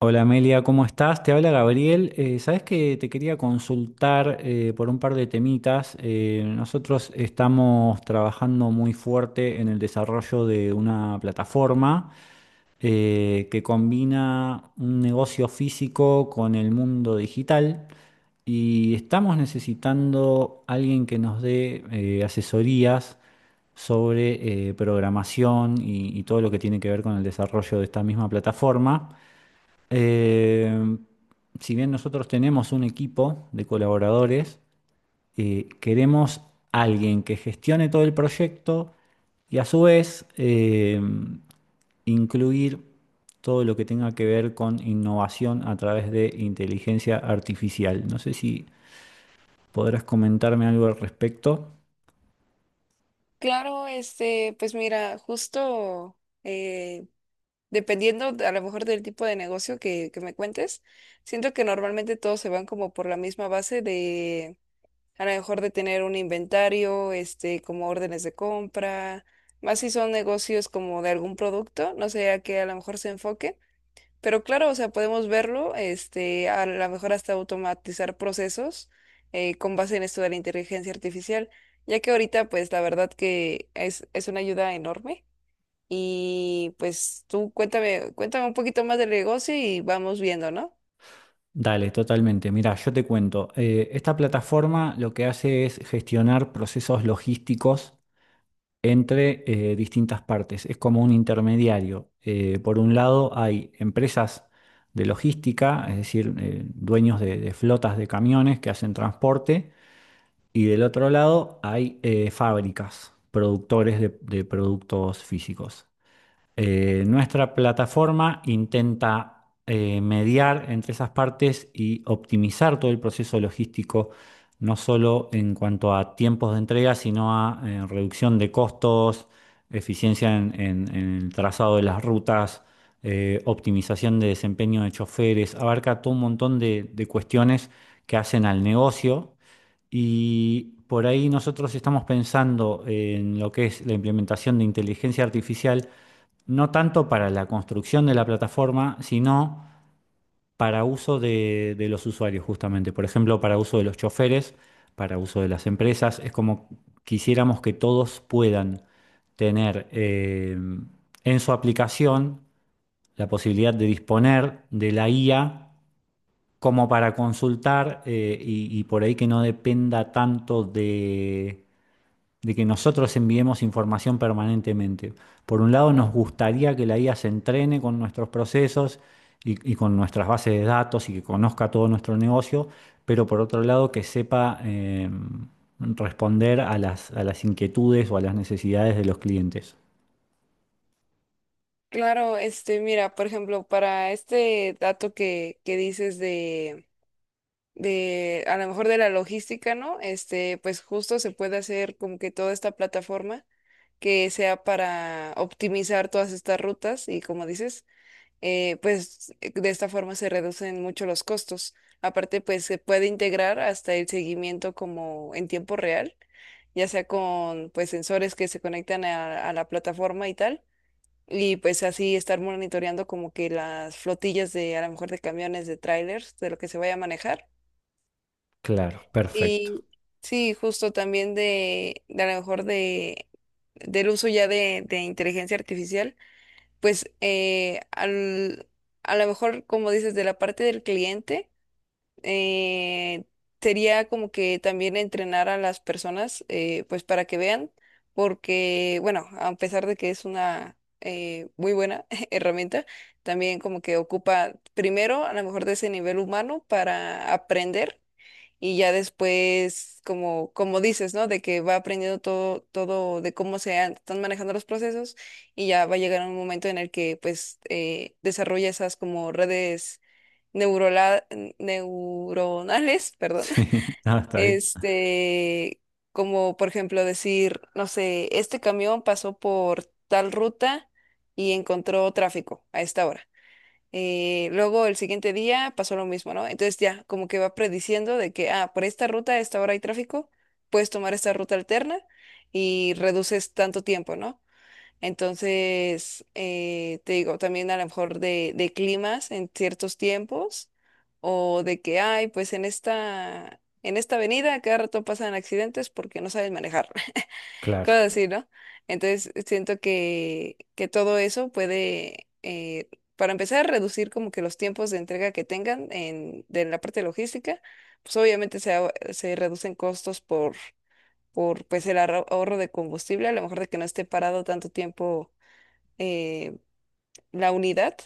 Hola Amelia, ¿cómo estás? Te habla Gabriel. Sabes que te quería consultar por un par de temitas. Nosotros estamos trabajando muy fuerte en el desarrollo de una plataforma que combina un negocio físico con el mundo digital y estamos necesitando alguien que nos dé asesorías sobre programación y todo lo que tiene que ver con el desarrollo de esta misma plataforma. Eh, si bien nosotros tenemos un equipo de colaboradores, queremos alguien que gestione todo el proyecto y a su vez incluir todo lo que tenga que ver con innovación a través de inteligencia artificial. No sé si podrás comentarme algo al respecto. Claro, este, pues mira, justo eh, dependiendo a lo mejor del tipo de negocio que me cuentes, siento que normalmente todos se van como por la misma base de a lo mejor de tener un inventario, este, como órdenes de compra, más si son negocios como de algún producto, no sé a qué a lo mejor se enfoque. Pero claro, o sea, podemos verlo, este, a lo mejor hasta automatizar procesos con base en esto de la inteligencia artificial, ya que ahorita, pues, la verdad que es una ayuda enorme. Y pues tú cuéntame, cuéntame un poquito más del negocio y vamos viendo, ¿no? Dale, totalmente. Mira, yo te cuento. Esta plataforma lo que hace es gestionar procesos logísticos entre distintas partes. Es como un intermediario. Por un lado hay empresas de logística, es decir, dueños de flotas de camiones que hacen transporte, y del otro lado hay fábricas, productores de productos físicos. Nuestra plataforma intenta mediar entre esas partes y optimizar todo el proceso logístico, no solo en cuanto a tiempos de entrega, sino a reducción de costos, eficiencia en el trazado de las rutas, optimización de desempeño de choferes, abarca todo un montón de cuestiones que hacen al negocio. Y por ahí nosotros estamos pensando en lo que es la implementación de inteligencia artificial no tanto para la construcción de la plataforma, sino para uso de los usuarios justamente. Por ejemplo, para uso de los choferes, para uso de las empresas. Es como quisiéramos que todos puedan tener en su aplicación la posibilidad de disponer de la IA como para consultar y por ahí que no dependa tanto de que nosotros enviemos información permanentemente. Por un lado, nos gustaría que la IA se entrene con nuestros procesos y con nuestras bases de datos y que conozca todo nuestro negocio, pero por otro lado, que sepa responder a las inquietudes o a las necesidades de los clientes. Claro, este, mira, por ejemplo, para este dato que dices a lo mejor de la logística, ¿no? Este, pues justo se puede hacer como que toda esta plataforma, que sea para optimizar todas estas rutas y como dices, de esta forma se reducen mucho los costos. Aparte, pues se puede integrar hasta el seguimiento como en tiempo real, ya sea con pues sensores que se conectan a la plataforma y tal. Y pues así estar monitoreando como que las flotillas de a lo mejor de camiones, de trailers, de lo que se vaya a manejar. Claro, perfecto. Y sí, justo también de a lo mejor de, del uso ya de inteligencia artificial pues a lo mejor, como dices, de la parte del cliente, eh, sería como que también entrenar a las personas, pues para que vean, porque, bueno, a pesar de que es una muy buena herramienta, también como que ocupa primero a lo mejor de ese nivel humano para aprender y ya después, como, como dices, ¿no? De que va aprendiendo todo, todo de cómo están manejando los procesos y ya va a llegar un momento en el que pues desarrolla esas como redes neurola- neuronales, perdón, Sí, no, está bien. este, como por ejemplo decir, no sé, este camión pasó por tal ruta y encontró tráfico a esta hora. Luego el siguiente día pasó lo mismo, ¿no? Entonces ya como que va prediciendo de que, ah, por esta ruta a esta hora hay tráfico, puedes tomar esta ruta alterna y reduces tanto tiempo, ¿no? Entonces, te digo, también a lo mejor de climas en ciertos tiempos o de que, ay, pues en en esta avenida cada rato pasan accidentes porque no sabes manejar Claro. cosas así, ¿no? Entonces siento que todo eso puede, para empezar, reducir como que los tiempos de entrega que tengan de la parte logística, pues obviamente se reducen costos por pues el ahorro de combustible, a lo mejor de que no esté parado tanto tiempo eh, la unidad.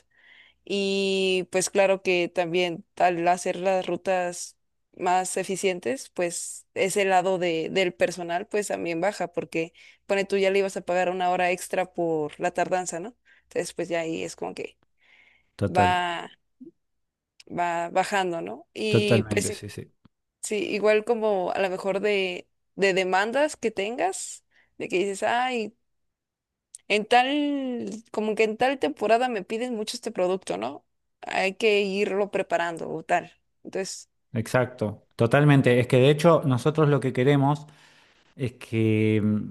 Y pues claro que también al hacer las rutas más eficientes, pues ese lado de, del personal pues también baja porque pone tú ya le ibas a pagar una hora extra por la tardanza, ¿no? Entonces pues ya ahí es como que Total, va, va bajando, ¿no? Y pues totalmente, sí, sí, sí. sí, igual como a lo mejor de demandas que tengas, de que dices, ay, en tal, como que en tal temporada me piden mucho este producto, ¿no? Hay que irlo preparando o tal. Entonces, Exacto, totalmente. Es que de hecho nosotros lo que queremos es que...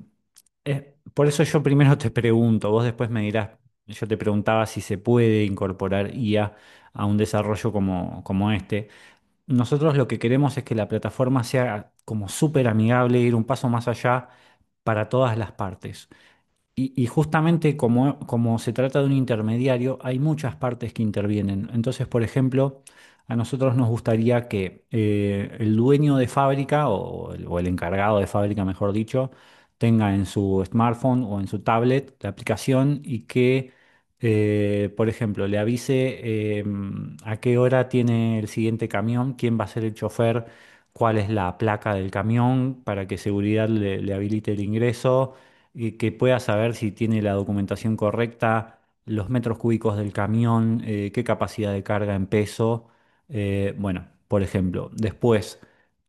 es- por eso yo primero te pregunto, vos después me dirás, yo te preguntaba si se puede incorporar IA a un desarrollo como este. Nosotros lo que queremos es que la plataforma sea como súper amigable, ir un paso más allá para todas las partes. Y justamente como se trata de un intermediario, hay muchas partes que intervienen. Entonces, por ejemplo, a nosotros nos gustaría que el dueño de fábrica o el encargado de fábrica, mejor dicho, tenga en su smartphone o en su tablet la aplicación y que, por ejemplo, le avise eh, a qué hora tiene el siguiente camión, quién va a ser el chofer, cuál es la placa del camión para que seguridad le habilite el ingreso, que pueda saber si tiene la documentación correcta, los metros cúbicos del camión, qué capacidad de carga en peso. Bueno, por ejemplo, después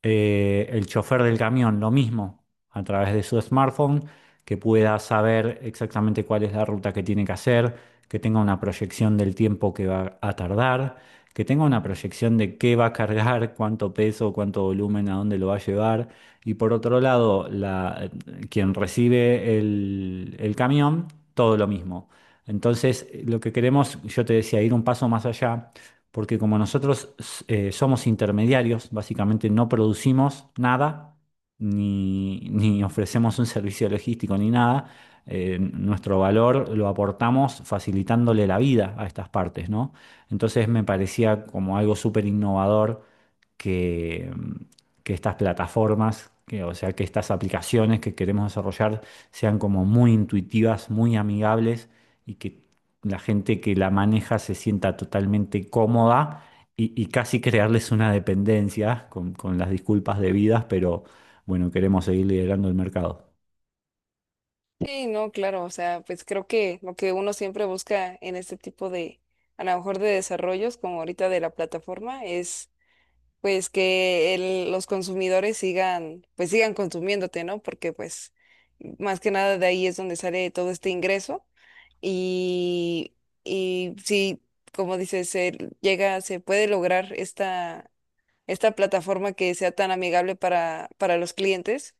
el chofer del camión, lo mismo, a través de su smartphone, que pueda saber exactamente cuál es la ruta que tiene que hacer, que tenga una proyección del tiempo que va a tardar, que tenga una proyección de qué va a cargar, cuánto peso, cuánto volumen, a dónde lo va a llevar. Y por otro lado, quien recibe el camión, todo lo mismo. Entonces, lo que queremos, yo te decía, ir un paso más allá, porque como nosotros somos intermediarios, básicamente no producimos nada, ni ofrecemos un servicio logístico, ni nada. Nuestro valor lo aportamos facilitándole la vida a estas partes, ¿no? Entonces, me parecía como algo súper innovador que, que estas plataformas, que, o sea, que estas aplicaciones que queremos desarrollar sean como muy intuitivas, muy amigables y que la gente que la maneja se sienta totalmente cómoda y casi crearles una dependencia con las disculpas debidas, pero bueno, queremos seguir liderando el mercado. sí, no, claro, o sea, pues creo que lo que uno siempre busca en este tipo de, a lo mejor de desarrollos, como ahorita de la plataforma, es pues que los consumidores sigan, pues sigan consumiéndote, ¿no? Porque pues más que nada de ahí es donde sale todo este ingreso y, y sí como dices, se llega, se puede lograr esta esta plataforma que sea tan amigable para los clientes,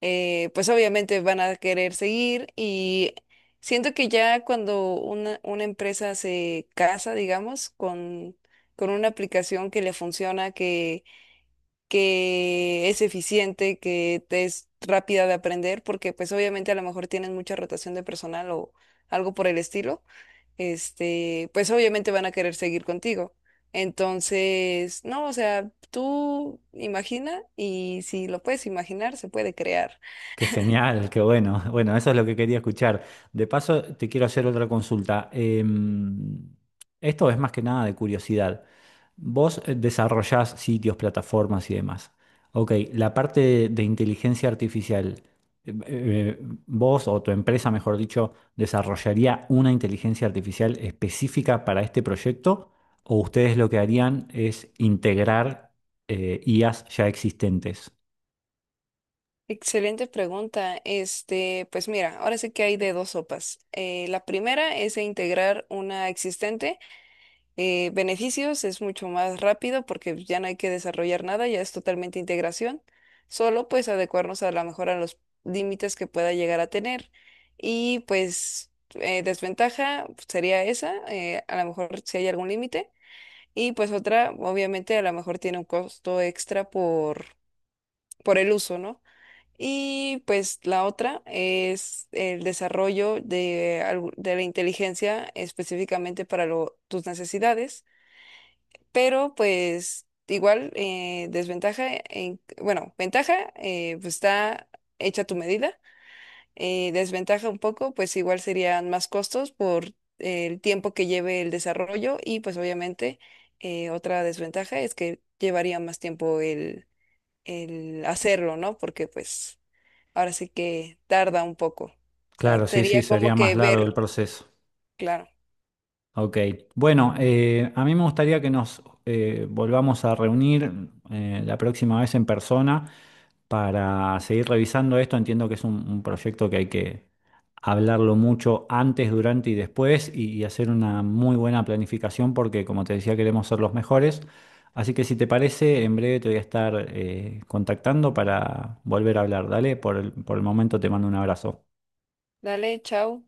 pues obviamente van a querer seguir y siento que ya cuando una empresa se casa, digamos, con una aplicación que le funciona, que es eficiente, que te es rápida de aprender, porque pues obviamente a lo mejor tienen mucha rotación de personal o algo por el estilo este, pues obviamente van a querer seguir contigo. Entonces, no, o sea, tú imagina y si lo puedes imaginar, se puede crear. Qué genial, qué bueno. Bueno, eso es lo que quería escuchar. De paso, te quiero hacer otra consulta. Em, Esto es más que nada de curiosidad. Vos desarrollás sitios, plataformas y demás. Ok, la parte de inteligencia artificial, em, eh, eh, vos o tu empresa, mejor dicho, ¿desarrollaría una inteligencia artificial específica para este proyecto? ¿O ustedes lo que harían es integrar IAs ya existentes? Excelente pregunta. Este, pues mira, ahora sí que hay de dos sopas. La primera es integrar una existente beneficios, es mucho más rápido porque ya no hay que desarrollar nada, ya es totalmente integración, solo pues adecuarnos a la mejor a los límites que pueda llegar a tener. Y pues desventaja sería esa, a lo mejor si hay algún límite. Y pues otra, obviamente a lo mejor tiene un costo extra por el uso, ¿no? Y pues la otra es el desarrollo de, de la inteligencia específicamente para tus necesidades pero pues igual desventaja, en, bueno, ventaja, pues está hecha tu medida, desventaja un poco, pues igual serían más costos por el tiempo que lleve el desarrollo y pues obviamente otra desventaja es que llevaría más tiempo el hacerlo, ¿no? Porque pues ahora sí que tarda un poco. O sea, Claro, sí, sí, sería como sería más que largo el ver, proceso. claro. Ok. Bueno, a mí me gustaría que nos volvamos a reunir la próxima vez en persona para seguir revisando esto. Entiendo que es un proyecto que hay que hablarlo mucho antes, durante y después y hacer una muy buena planificación porque, como te decía, queremos ser los mejores. Así que si te parece, en breve te voy a estar contactando para volver a hablar. Dale, por el momento te mando un abrazo. Dale, chao.